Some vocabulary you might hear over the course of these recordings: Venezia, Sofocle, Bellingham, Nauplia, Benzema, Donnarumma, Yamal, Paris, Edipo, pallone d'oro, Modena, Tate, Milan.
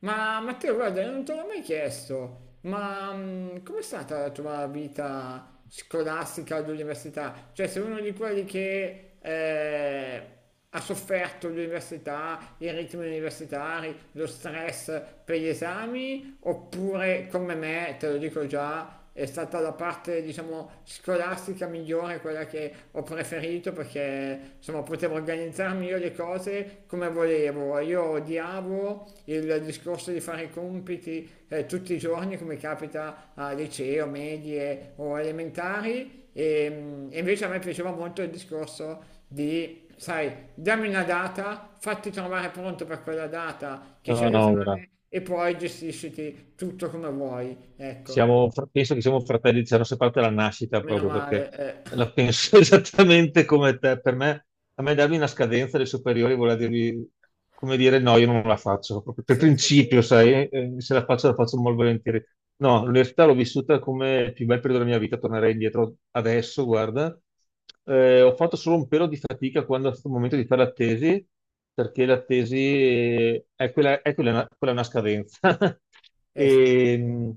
Ma Matteo, guarda, non te l'ho mai chiesto, ma com'è stata la tua vita scolastica all'università? Cioè, sei uno di quelli che ha sofferto l'università, i ritmi universitari, lo stress per gli esami, oppure come me, te lo dico già, è stata la parte diciamo scolastica migliore, quella che ho preferito perché insomma potevo organizzarmi io le cose come volevo. Io odiavo il discorso di fare i compiti tutti i giorni come capita a liceo, medie o elementari e invece a me piaceva molto il discorso di, sai, dammi una data, fatti trovare pronto per quella data che c'è No, no, guarda, l'esame e poi gestisciti tutto come vuoi. Ecco. Penso che siamo fratelli, ci hanno separati dalla nascita Meno proprio perché male, eh. la penso esattamente come te. Per me, a me darmi una scadenza dei superiori vuol dirmi, come dire, no, io non la faccio, proprio per Sì, sì, principio, sì. sai, se la faccio la faccio molto volentieri. No, l'università l'ho vissuta come il più bel periodo della mia vita, tornerei indietro adesso, guarda. Ho fatto solo un pelo di fatica quando è stato il momento di fare la tesi, perché la tesi è quella, quella è una scadenza. Sì. E,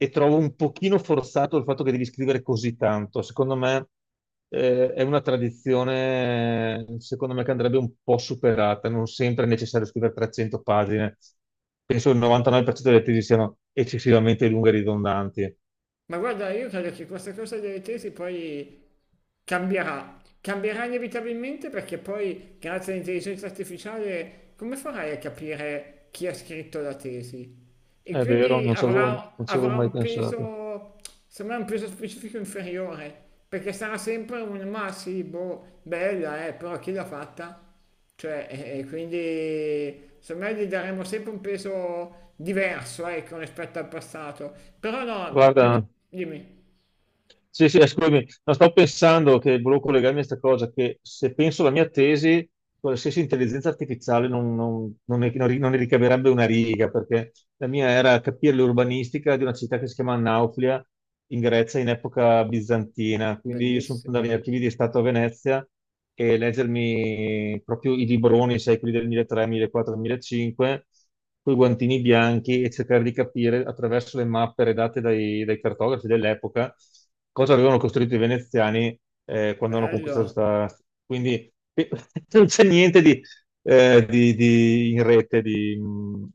e trovo un pochino forzato il fatto che devi scrivere così tanto. Secondo me, è una tradizione, secondo me, che andrebbe un po' superata. Non sempre è necessario scrivere 300 pagine. Penso che il 99% delle tesi siano eccessivamente lunghe e ridondanti. Ma guarda, io credo che questa cosa delle tesi poi cambierà inevitabilmente perché poi, grazie all'intelligenza artificiale, come farai a capire chi ha scritto la tesi? E È vero, quindi avrà, non ci avevo avrà mai un pensato. peso, secondo me, un peso specifico inferiore, perché sarà sempre un ma sì, boh, bella, però chi l'ha fatta? Cioè, e quindi secondo me gli daremo sempre un peso diverso, ecco, rispetto al passato. Però no, Guarda, dimmi. sì, sì, scusami, no, stavo pensando che volevo collegarmi a questa cosa, che se penso alla mia tesi, qualsiasi intelligenza artificiale non ne ricaverebbe una riga, perché la mia era capire l'urbanistica di una città che si chiama Nauplia, in Grecia, in epoca bizantina. Quindi io sono andato Bellissimo, agli archivi di Stato a Venezia e leggermi proprio i libroni, sai, quelli del 1300, 1400, 1500, con i guantini bianchi e cercare di capire attraverso le mappe redatte dai cartografi dell'epoca cosa avevano costruito i veneziani quando hanno conquistato bello. questa... Quindi non c'è niente di, in rete. Di...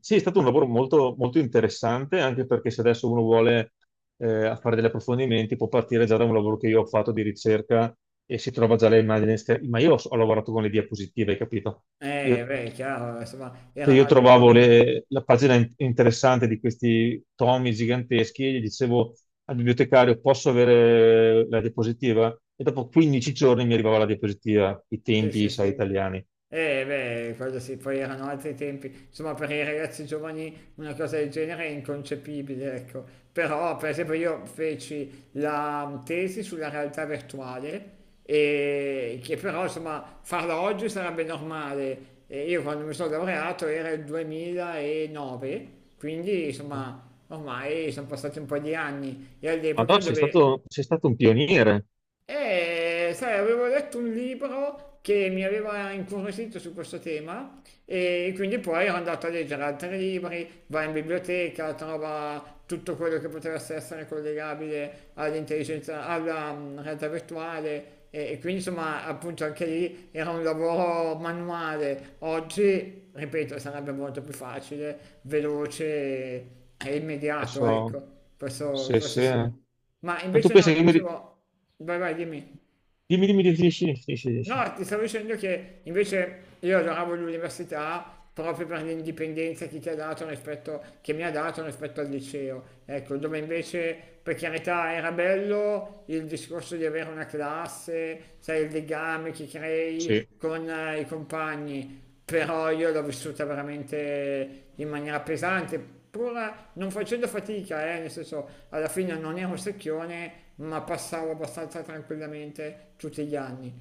Sì, è stato un lavoro molto, molto interessante, anche perché se adesso uno vuole fare degli approfondimenti può partire già da un lavoro che io ho fatto di ricerca e si trova già le immagini, ma io ho lavorato con le diapositive, hai capito? Eh Io beh, è chiaro, insomma, erano Io altri trovavo tempi. La pagina interessante di questi tomi giganteschi e gli dicevo al bibliotecario: Posso avere la diapositiva? E dopo 15 giorni mi arrivava la diapositiva, i Sì, tempi, sì, sai, sì. italiani. Eh beh, quello sì, poi erano altri tempi. Insomma, per i ragazzi giovani una cosa del genere è inconcepibile, ecco. Però, per esempio, io feci la tesi sulla realtà virtuale e che però, insomma, farla oggi sarebbe normale. E io quando mi sono laureato era il 2009, quindi, insomma, ormai sono passati un po' di anni e Ma all'epoca no, dove... sei stato un pioniere. E sai, avevo letto un libro che mi aveva incuriosito su questo tema e quindi poi ero andato a leggere altri libri, va in biblioteca, trova tutto quello che poteva essere collegabile all'intelligenza, alla realtà virtuale e quindi insomma appunto anche lì era un lavoro manuale. Oggi, ripeto, sarebbe molto più facile, veloce e immediato, Adesso, ecco, questo. Sì, questo se... sì. eh. Sì. Ma Ma tu invece no, pensi che ti dicevo, vai vai, dimmi. dimmi, sì, No, ti stavo dicendo che invece io adoravo l'università proprio per l'indipendenza che ti ha dato rispetto, che mi ha dato rispetto al liceo. Ecco, dove invece, per carità, era bello il discorso di avere una classe, sai, il legame che crei sì. con i compagni, però io l'ho vissuta veramente in maniera pesante, pur non facendo fatica, nel senso alla fine non ero secchione, ma passavo abbastanza tranquillamente tutti gli anni.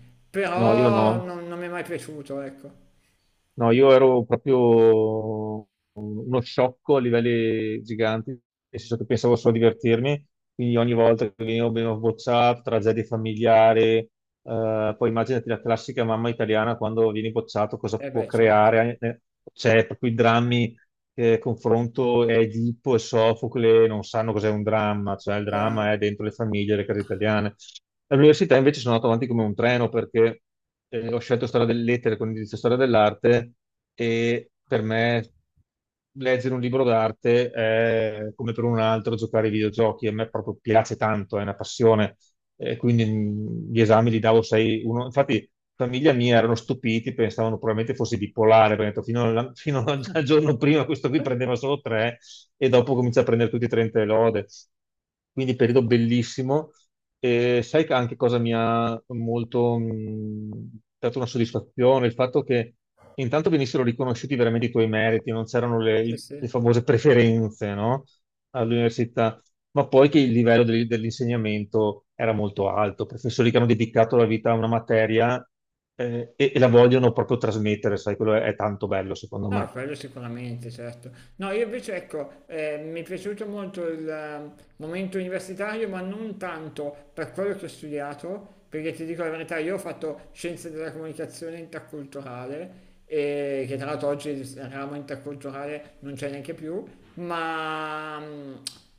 No, io no. Però non mi è mai piaciuto, ecco. No, io ero proprio uno sciocco a livelli giganti, nel senso che pensavo solo a divertirmi, quindi ogni volta che venivo bocciato, tragedie familiari, poi immaginati la classica mamma italiana quando vieni bocciato, cosa Eh può beh, certo, creare, cioè proprio i drammi che confronto è Edipo e Sofocle non sanno cos'è un dramma, cioè il dramma chiaro. è dentro le famiglie, le case italiane. All'università invece sono andato avanti come un treno perché ho scelto storia delle lettere con indirizzo storia dell'arte e per me leggere un libro d'arte è come per un altro giocare ai videogiochi, a me proprio piace tanto, è una passione e quindi gli esami li davo 6, 1. Infatti, famiglia mia erano stupiti, pensavano probabilmente fossi bipolare, perché ho detto, fino al giorno prima questo qui prendeva solo 3 e dopo comincia a prendere tutti i 30 e lode. Quindi periodo bellissimo. E sai che anche cosa mi ha molto dato una soddisfazione? Il fatto che intanto venissero riconosciuti veramente i tuoi meriti, non c'erano Sì, sì. le famose preferenze, no? All'università ma poi che il livello dell'insegnamento era molto alto, professori che hanno dedicato la vita a una materia e la vogliono proprio trasmettere, sai, quello è tanto bello secondo No, me. quello sicuramente, certo. No, io invece ecco, mi è piaciuto molto il momento universitario, ma non tanto per quello che ho studiato, perché ti dico la verità, io ho fatto scienze della comunicazione interculturale, e che tra l'altro oggi il ramo interculturale non c'è neanche più, ma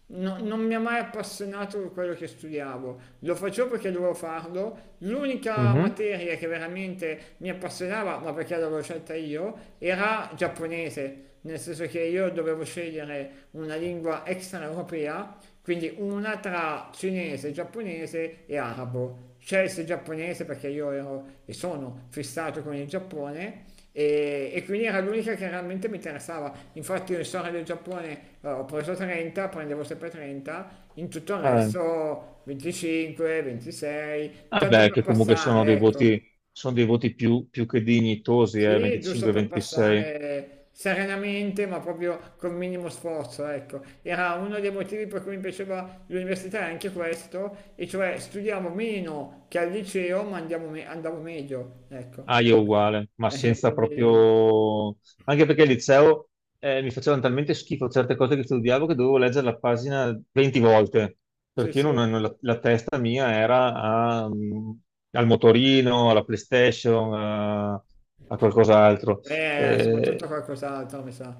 non mi ha mai appassionato quello che studiavo, lo facevo perché dovevo farlo, l'unica Mhm. materia che veramente mi appassionava, ma perché l'avevo scelta io, era giapponese, nel senso che io dovevo scegliere una lingua extraeuropea, quindi una tra cinese, giapponese e arabo. Scelse il giapponese perché io ero e sono fissato con il Giappone e quindi era l'unica che realmente mi interessava. Infatti io in storia del Giappone ho preso 30, prendevo sempre 30, in tutto il Eh, resto 25, 26, tanto vabbè, per che comunque passare, ecco. Sono dei voti più che dignitosi, Sì, giusto per 25-26. passare serenamente, ma proprio col minimo sforzo, ecco. Era uno dei motivi per cui mi piaceva l'università, è anche questo, e cioè studiamo meno che al liceo, ma andavo meglio, Ah, ecco. io uguale, ma senza Quindi proprio... Anche perché al liceo mi facevano talmente schifo certe cose che studiavo che dovevo leggere la pagina 20 volte, sì, perché io sì. La testa mia era a, al motorino, alla PlayStation, a qualcos'altro. Soprattutto Eh, qualcos'altro, mi sa.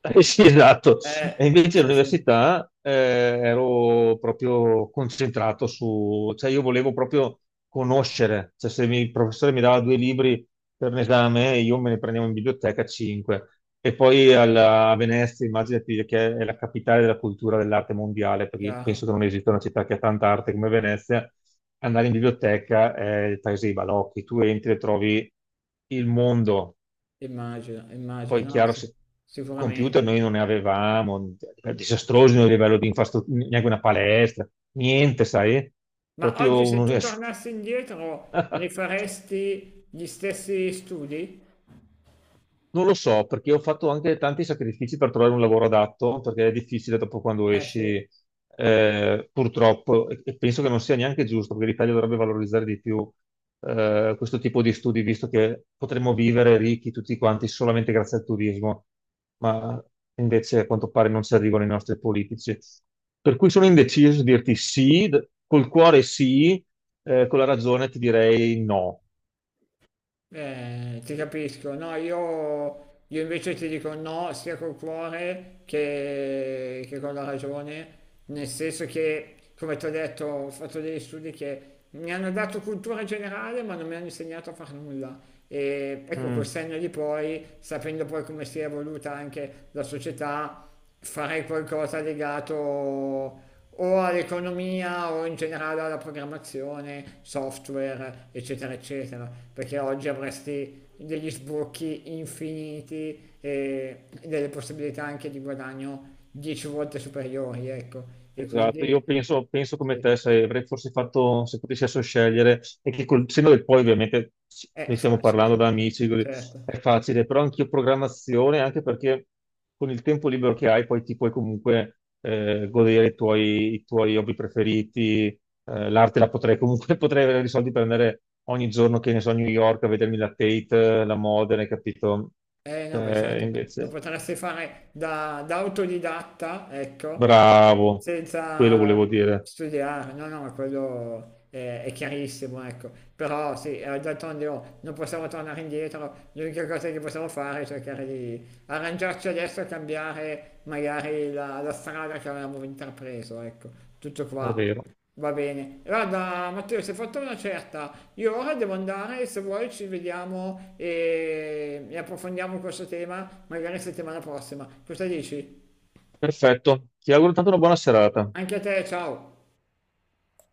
Sì, esatto. E Eh, invece sì, sì, all'università ero proprio concentrato su, cioè io volevo proprio conoscere, cioè se mi- il professore mi dava 2 libri per un esame, io me ne prendevo in biblioteca 5. E poi a Venezia, immaginati che è la capitale della cultura dell'arte mondiale, perché chiaro. penso che non esista una città che ha tanta arte come Venezia, andare in biblioteca è il paese dei balocchi, tu entri e trovi il mondo Immagino, poi, immagino, no, chiaro, sì, se computer sicuramente. noi non ne avevamo, disastrosi a livello di infrastruttura, neanche una palestra, niente, sai? Ma oggi Proprio se tu un'università. tornassi indietro, rifaresti gli stessi studi? Non lo so, perché ho fatto anche tanti sacrifici per trovare un lavoro adatto, perché è difficile dopo quando Eh sì. esci, purtroppo, e penso che non sia neanche giusto, perché l'Italia dovrebbe valorizzare di più questo tipo di studi, visto che potremmo vivere ricchi tutti quanti solamente grazie al turismo, ma invece a quanto pare non ci arrivano i nostri politici. Per cui sono indeciso a dirti sì, col cuore sì, con la ragione ti direi no. Ti capisco, no, io invece ti dico no sia col cuore che con la ragione, nel senso che, come ti ho detto, ho fatto degli studi che mi hanno dato cultura generale ma non mi hanno insegnato a far nulla. E ecco, col Mm. senno di poi, sapendo poi come si è evoluta anche la società, farei qualcosa legato o all'economia o in generale alla programmazione, software, eccetera, eccetera, perché oggi avresti degli sbocchi infiniti e delle possibilità anche di guadagno 10 volte superiori, ecco, e Esatto, quindi io penso, penso come sì, te, se avrei forse fatto, se potessi adesso scegliere, e che col senno del poi ovviamente ne è stiamo facile, parlando da amici, così, è certo. facile, però anch'io programmazione, anche perché con il tempo libero che hai poi ti puoi comunque godere i tuoi hobby preferiti, l'arte la potrei comunque, potrei avere i soldi per andare ogni giorno, che ne so, a New York a vedermi la Tate, la Modena, hai capito? Eh no, beh, certo, lo Invece, potresti fare da autodidatta, ecco, bravo, quello senza volevo dire, studiare, no, no, ma quello è chiarissimo, ecco. Però sì, d'altronde oh, non possiamo tornare indietro, l'unica cosa che possiamo fare è cercare di arrangiarci adesso e cambiare magari la strada che avevamo intrapreso, ecco. Tutto è qua. vero. Va bene. Guarda, Matteo, si è fatta una certa. Io ora devo andare, se vuoi ci vediamo e approfondiamo questo tema, magari settimana prossima. Cosa dici? Perfetto, ti auguro tanto una buona serata. Anche a te, ciao.